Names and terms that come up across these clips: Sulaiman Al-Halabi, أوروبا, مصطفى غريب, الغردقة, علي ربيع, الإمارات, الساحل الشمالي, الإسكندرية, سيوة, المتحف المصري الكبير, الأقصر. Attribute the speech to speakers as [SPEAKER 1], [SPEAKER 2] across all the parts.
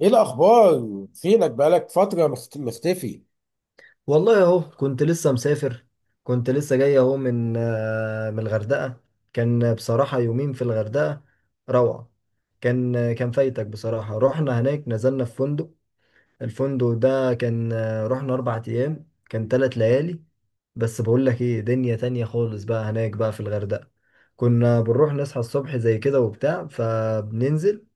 [SPEAKER 1] ايه الاخبار؟ فينك؟ بقالك فتره مختفي.
[SPEAKER 2] والله اهو كنت لسه مسافر. كنت لسه جاي اهو من الغردقة. كان بصراحة يومين في الغردقة. روعة. كان فايتك بصراحة، رحنا هناك، نزلنا في فندق. الفندق ده كان، رحنا 4 أيام، كان 3 ليالي. بس بقول لك ايه، دنيا تانية خالص بقى هناك، بقى في الغردقة. كنا بنروح نصحى الصبح زي كده وبتاع، فبننزل.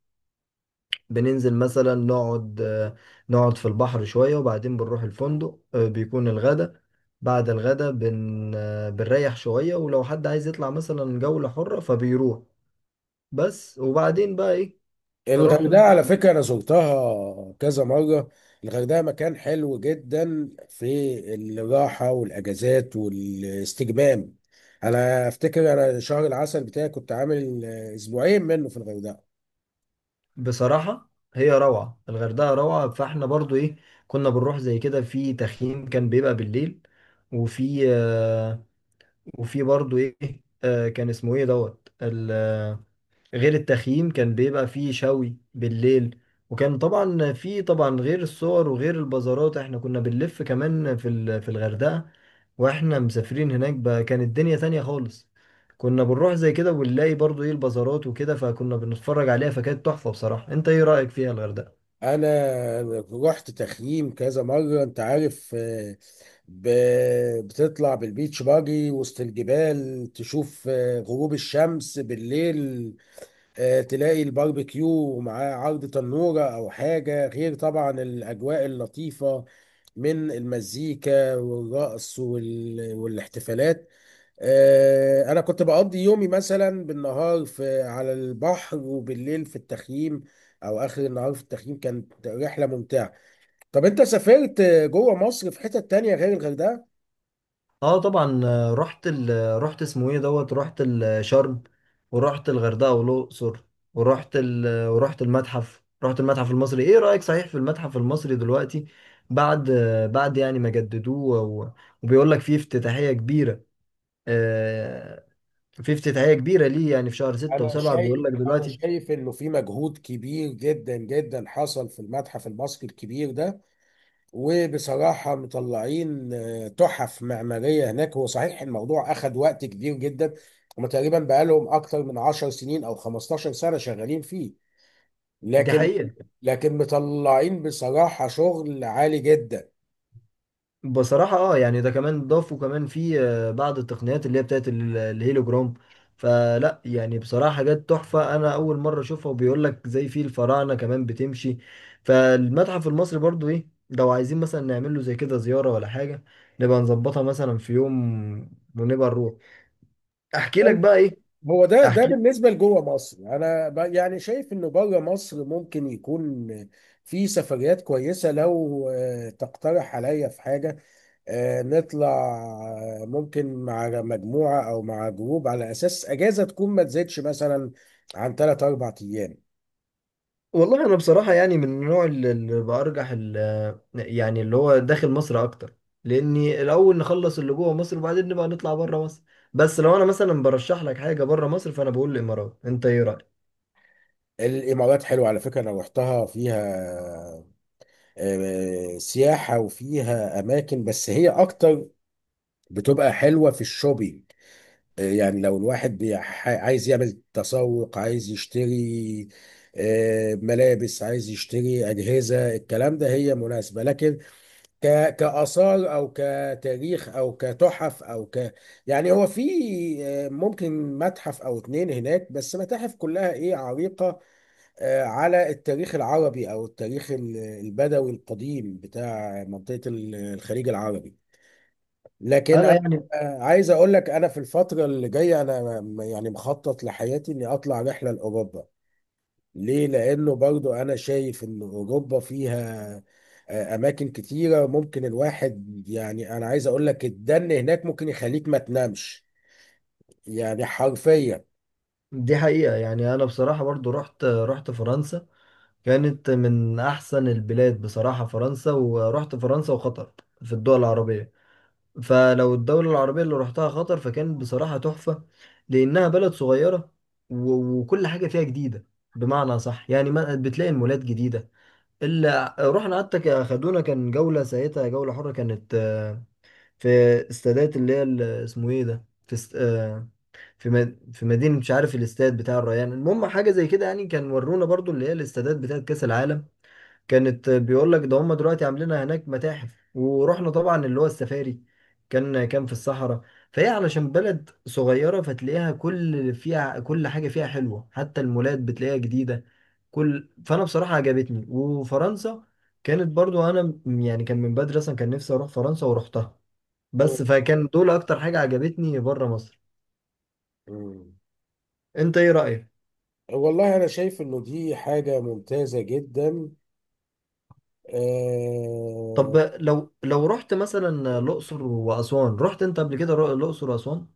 [SPEAKER 2] مثلا نقعد في البحر شوية، وبعدين بنروح الفندق، بيكون الغدا. بعد الغدا بن آه، بنريح شوية، ولو حد عايز يطلع مثلا جولة حرة فبيروح. بس. وبعدين بقى ايه.
[SPEAKER 1] الغردقه
[SPEAKER 2] رحنا.
[SPEAKER 1] على فكره انا زرتها كذا مره. الغردقه مكان حلو جدا في الراحه والاجازات والاستجمام. انا افتكر انا شهر العسل بتاعي كنت عامل اسبوعين منه في الغردقه.
[SPEAKER 2] بصراحة هي روعة، الغردقة روعة، فاحنا برضو ايه. كنا بنروح زي كده في تخييم، كان بيبقى بالليل. وفي آه، وفي برضو ايه. كان اسمه ايه دوت. غير التخييم كان بيبقى فيه شوي بالليل. وكان طبعا، في طبعا غير الصور وغير البازارات، احنا كنا بنلف كمان في الغردقة. واحنا مسافرين هناك بقى كانت الدنيا تانية خالص. كنا بنروح زي كده ونلاقي برضو ايه البازارات وكده، فكنا بنتفرج عليها، فكانت تحفة بصراحة. انت ايه رأيك فيها الغردقة؟
[SPEAKER 1] انا رحت تخييم كذا مره. انت عارف، بتطلع بالبيتش باجي وسط الجبال، تشوف غروب الشمس بالليل. تلاقي الباربيكيو ومعاه عرض تنورة أو حاجة، غير طبعا الأجواء اللطيفة من المزيكا والرقص والاحتفالات. أنا كنت بقضي يومي مثلا بالنهار في على البحر، وبالليل في التخييم أو آخر النهار في التخييم. كانت رحلة ممتعة. طب أنت سافرت جوه مصر في حتة تانية غير الغردقة؟
[SPEAKER 2] اه طبعا. رحت ال... آه، رحت اسمه ايه دوت، رحت شرم. ورحت الغردقه والاقصر. ورحت ال... آه، ورحت المتحف، المتحف المصري. ايه رايك، صحيح في المتحف المصري دلوقتي، بعد يعني ما جددوه، وبيقول لك فيه افتتاحيه كبيره. آه، في افتتاحيه كبيره ليه يعني، في شهر ستة
[SPEAKER 1] أنا
[SPEAKER 2] وسبعة بيقول
[SPEAKER 1] شايف
[SPEAKER 2] لك
[SPEAKER 1] أنا
[SPEAKER 2] دلوقتي.
[SPEAKER 1] شايف إنه في مجهود كبير جدا جدا حصل في المتحف المصري الكبير ده. وبصراحة مطلعين تحف معمارية هناك. هو صحيح الموضوع أخد وقت كبير جدا. هما تقريبا بقالهم أكتر من 10 سنين أو 15 سنة شغالين فيه.
[SPEAKER 2] دي
[SPEAKER 1] لكن
[SPEAKER 2] حقيقه.
[SPEAKER 1] مطلعين بصراحة شغل عالي جدا.
[SPEAKER 2] بصراحة اه يعني ده، كمان ضافوا كمان في بعض التقنيات اللي هي بتاعت الهيلوجرام. فلا يعني بصراحة حاجات تحفة، أنا أول مرة أشوفها، وبيقول لك زي في الفراعنة كمان بتمشي. فالمتحف المصري برضو إيه، لو عايزين مثلا نعمل له زي كده زيارة ولا حاجة، نبقى نظبطها مثلا في يوم، ونبقى نروح. أحكي لك بقى إيه.
[SPEAKER 1] هو ده
[SPEAKER 2] أحكي.
[SPEAKER 1] بالنسبة لجوه مصر. أنا يعني شايف إنه بره مصر ممكن يكون في سفريات كويسة. لو تقترح عليا في حاجة، نطلع. ممكن مع مجموعة أو مع جروب، على أساس أجازة تكون ما تزيدش مثلا عن 3 أربع أيام.
[SPEAKER 2] والله انا بصراحه يعني، من النوع اللي برجح يعني اللي هو داخل مصر اكتر. لاني الاول نخلص اللي جوه مصر، وبعدين نبقى نطلع بره مصر. بس لو انا مثلا برشح لك حاجه بره مصر، فانا بقول الامارات. انت ايه رايك؟
[SPEAKER 1] الإمارات حلوة على فكرة، أنا روحتها، فيها سياحة وفيها أماكن، بس هي أكتر بتبقى حلوة في الشوبينج. يعني لو الواحد عايز يعمل تسوق، عايز يشتري ملابس، عايز يشتري أجهزة، الكلام ده هي مناسبة. لكن كآثار أو كتاريخ أو كتحف أو يعني هو في ممكن متحف أو اتنين هناك. بس متاحف كلها إيه، عريقة، على التاريخ العربي أو التاريخ البدوي القديم بتاع منطقة الخليج العربي. لكن
[SPEAKER 2] انا
[SPEAKER 1] أنا
[SPEAKER 2] يعني
[SPEAKER 1] عايز أقول لك، أنا في الفترة اللي جاية، أنا يعني مخطط لحياتي إني أطلع رحلة لأوروبا. ليه؟ لانه برضو انا شايف ان اوروبا فيها اماكن كتيره، ممكن الواحد، يعني انا عايز اقول لك الدن هناك ممكن يخليك ما تنامش يعني حرفيا.
[SPEAKER 2] دي حقيقه، يعني انا بصراحه برضو، رحت فرنسا. كانت من احسن البلاد بصراحه فرنسا. ورحت فرنسا وقطر في الدول العربيه. فلو الدولة العربية اللي رحتها خطر، فكان بصراحة تحفة. لأنها بلد صغيرة، و- وكل حاجة فيها جديدة. بمعنى صح يعني، ما بتلاقي المولات جديدة. اللي رحنا حتى خدونا كان جولة، ساعتها جولة حرة كانت، في استادات اللي هي اسمه ايه ده، في است... آه، في مدينة مش عارف، الاستاد بتاع الريان. المهم حاجة زي كده، يعني كان ورونا برضو اللي هي الاستادات بتاعة كأس العالم. كانت بيقول لك ده، هم دلوقتي عاملين هناك متاحف. ورحنا طبعا اللي هو السفاري، كان في الصحراء. فهي علشان بلد صغيرة، فتلاقيها كل حاجة فيها حلوة، حتى المولات بتلاقيها جديدة. فأنا بصراحة عجبتني. وفرنسا كانت برضو، أنا يعني كان من بدري أصلا كان نفسي أروح فرنسا ورحتها.
[SPEAKER 1] مم.
[SPEAKER 2] بس فكان دول أكتر حاجة عجبتني بره مصر.
[SPEAKER 1] مم.
[SPEAKER 2] أنت إيه رأيك؟
[SPEAKER 1] والله انا شايف انه دي حاجه ممتازه جدا.
[SPEAKER 2] طب
[SPEAKER 1] آه،
[SPEAKER 2] لو رحت مثلا الأقصر وأسوان، رحت أنت قبل كده الأقصر وأسوان؟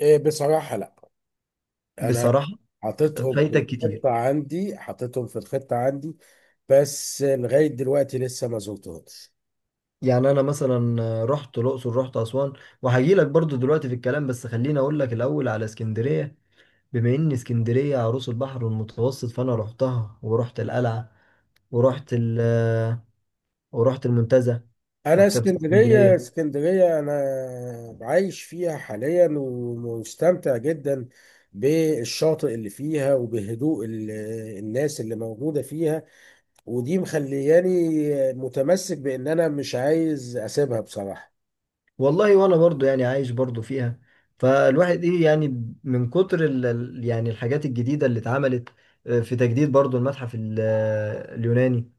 [SPEAKER 1] بصراحه لا. انا
[SPEAKER 2] بصراحة
[SPEAKER 1] حاططهم في
[SPEAKER 2] فايتك كتير.
[SPEAKER 1] الخطه عندي، حاططهم في الخطه عندي، بس لغايه دلوقتي لسه ما زرتهمش.
[SPEAKER 2] يعني انا مثلا رحت الاقصر، رحت اسوان. وهجي لك برضو دلوقتي في الكلام، بس خليني اقول لك الاول على اسكندريه. بما ان اسكندريه عروس البحر المتوسط، فانا رحتها ورحت القلعه، ورحت ال ورحت المنتزه،
[SPEAKER 1] انا
[SPEAKER 2] مكتبه
[SPEAKER 1] اسكندريه
[SPEAKER 2] اسكندريه.
[SPEAKER 1] اسكندريه انا عايش فيها حاليا ومستمتع جدا بالشاطئ اللي فيها، وبهدوء الناس اللي موجوده فيها. ودي مخلياني متمسك بان انا مش عايز اسيبها بصراحه.
[SPEAKER 2] والله وانا برضو يعني عايش برضو فيها. فالواحد ايه، يعني من كتر يعني الحاجات الجديده اللي اتعملت. في تجديد برضو المتحف، اليوناني،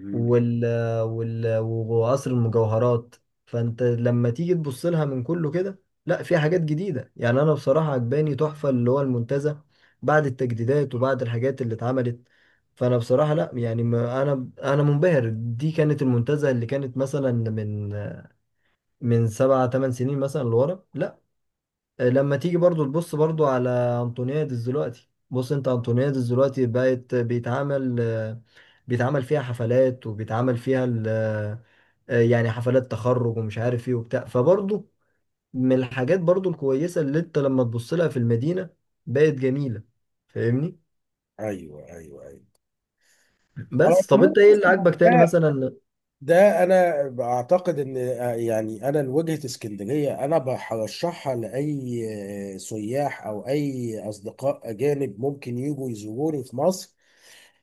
[SPEAKER 1] مم.
[SPEAKER 2] وال وقصر المجوهرات. فانت لما تيجي تبص لها من كله كده، لا في حاجات جديدة. يعني انا بصراحة عجباني تحفة اللي هو المنتزه بعد التجديدات وبعد الحاجات اللي اتعملت. فانا بصراحة، لا يعني، ما انا منبهر، دي كانت المنتزه اللي كانت مثلا من 7 8 سنين مثلا لورا. لا، لما تيجي برضو تبص برضو على انطونيادس دلوقتي، بص انت انطونيادس دلوقتي بقت بيتعمل فيها حفلات، وبيتعمل فيها يعني حفلات تخرج ومش عارف ايه وبتاع، فبرضو من الحاجات برضو الكويسة اللي انت لما تبص لها في المدينة، بقت جميلة. فاهمني.
[SPEAKER 1] ايوه، ايوه، ايوه. على
[SPEAKER 2] بس طب
[SPEAKER 1] العموم
[SPEAKER 2] انت ايه اللي عاجبك تاني
[SPEAKER 1] أصلاً،
[SPEAKER 2] مثلا؟
[SPEAKER 1] ده انا بعتقد ان يعني انا لوجهة اسكندرية انا برشحها لاي سياح او اي اصدقاء اجانب ممكن يجوا يزوروني في مصر.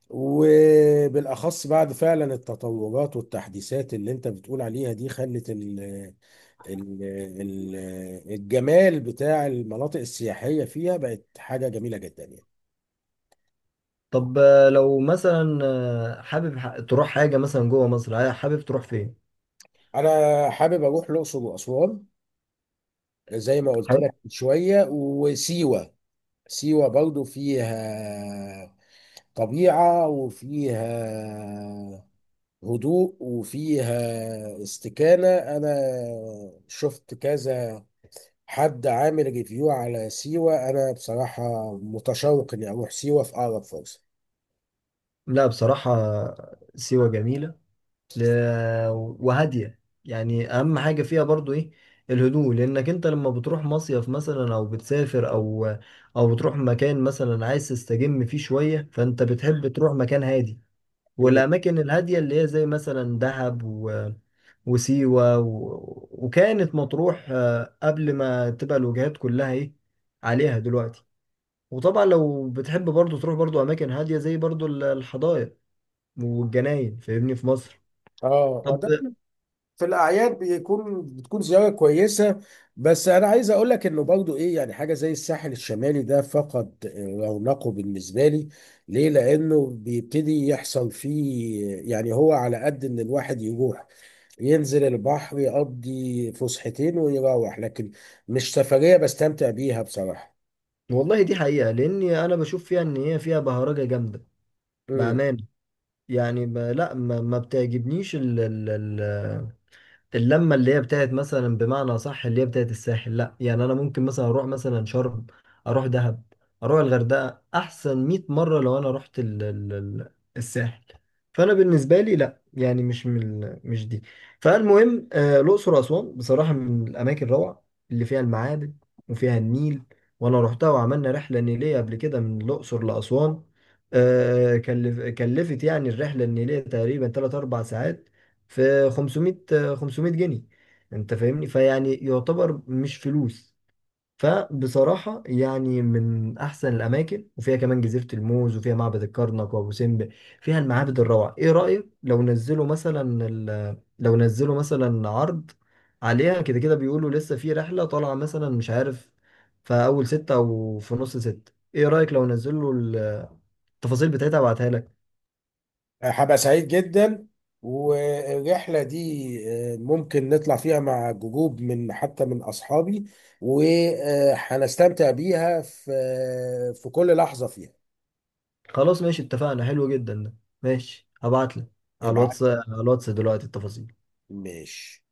[SPEAKER 1] وبالاخص بعد فعلا التطورات والتحديثات اللي انت بتقول عليها، دي خلت ال ال ال الجمال بتاع المناطق السياحية فيها بقت حاجة جميلة جدا يعني.
[SPEAKER 2] طب لو مثلا حابب تروح حاجة مثلا جوه مصر، حابب تروح فين؟
[SPEAKER 1] انا حابب اروح الاقصر واسوان، زي ما قلت
[SPEAKER 2] حابب؟
[SPEAKER 1] لك من شوية، وسيوة. سيوة برضو فيها طبيعة وفيها هدوء وفيها استكانة. أنا شفت كذا حد عامل ريفيو على سيوة. أنا بصراحة متشوق إني أروح سيوة في أقرب فرصة.
[SPEAKER 2] لا بصراحة سيوة جميلة، ل- وهادية. يعني أهم حاجة فيها برضو إيه، الهدوء. لأنك أنت لما بتروح مصيف مثلا، أو بتسافر، أو بتروح مكان مثلا عايز تستجم فيه شوية، فأنت بتحب تروح مكان هادي.
[SPEAKER 1] مم.
[SPEAKER 2] والأماكن الهادية اللي هي زي مثلا دهب وسيوة و... وكانت مطروح، قبل ما تبقى الوجهات كلها إيه عليها دلوقتي. وطبعا لو بتحب برضو تروح برضو أماكن هادية، زي برضو الحدائق والجناين، فاهمني، في مصر.
[SPEAKER 1] اه،
[SPEAKER 2] طب
[SPEAKER 1] ده في الاعياد بتكون زياره كويسه. بس انا عايز اقول لك انه برضو ايه، يعني حاجه زي الساحل الشمالي ده فقد رونقه بالنسبه لي. ليه؟ لانه بيبتدي يحصل فيه، يعني هو على قد ان الواحد يروح ينزل البحر يقضي فسحتين ويروح، لكن مش سفريه بستمتع بيها بصراحه.
[SPEAKER 2] والله دي حقيقة، لأني أنا بشوف فيها إن هي فيها بهرجة جامدة، بأمانة. يعني لا ما بتعجبنيش ال... اللمه اللي هي بتاعت مثلا بمعنى صح، اللي هي بتاعت الساحل. لا يعني، انا ممكن مثلا اروح مثلا شرم، اروح دهب، اروح الغردقه احسن 100 مره لو انا رحت ال الساحل. فانا بالنسبه لي لا يعني، مش من مش دي. فالمهم الاقصر واسوان بصراحه من الاماكن الروعه، اللي فيها المعابد وفيها النيل. وانا رحتها، وعملنا رحله نيليه قبل كده من الاقصر لاسوان. كلفت يعني الرحله النيليه تقريبا 3 4 ساعات، في 500 جنيه. انت فاهمني، فيعني يعتبر مش فلوس. فبصراحة يعني من أحسن الأماكن، وفيها كمان جزيرة الموز وفيها معبد الكرنك وأبو سمبل. فيها المعابد الروعة. إيه رأيك لو نزلوا مثلا عرض عليها كده كده، بيقولوا لسه في رحلة طالعة مثلا مش عارف، في أول 6 أو في نص 6. إيه رأيك لو نزلوا التفاصيل بتاعتها وابعتها لك؟
[SPEAKER 1] هبقى سعيد جدا، والرحلة دي ممكن نطلع فيها مع جروب، من حتى من أصحابي، وهنستمتع بيها في كل لحظة فيها.
[SPEAKER 2] خلاص ماشي، اتفقنا، حلو جدا ده. ماشي، هبعتلك
[SPEAKER 1] ابعت.
[SPEAKER 2] على الواتس دلوقتي التفاصيل.
[SPEAKER 1] ماشي.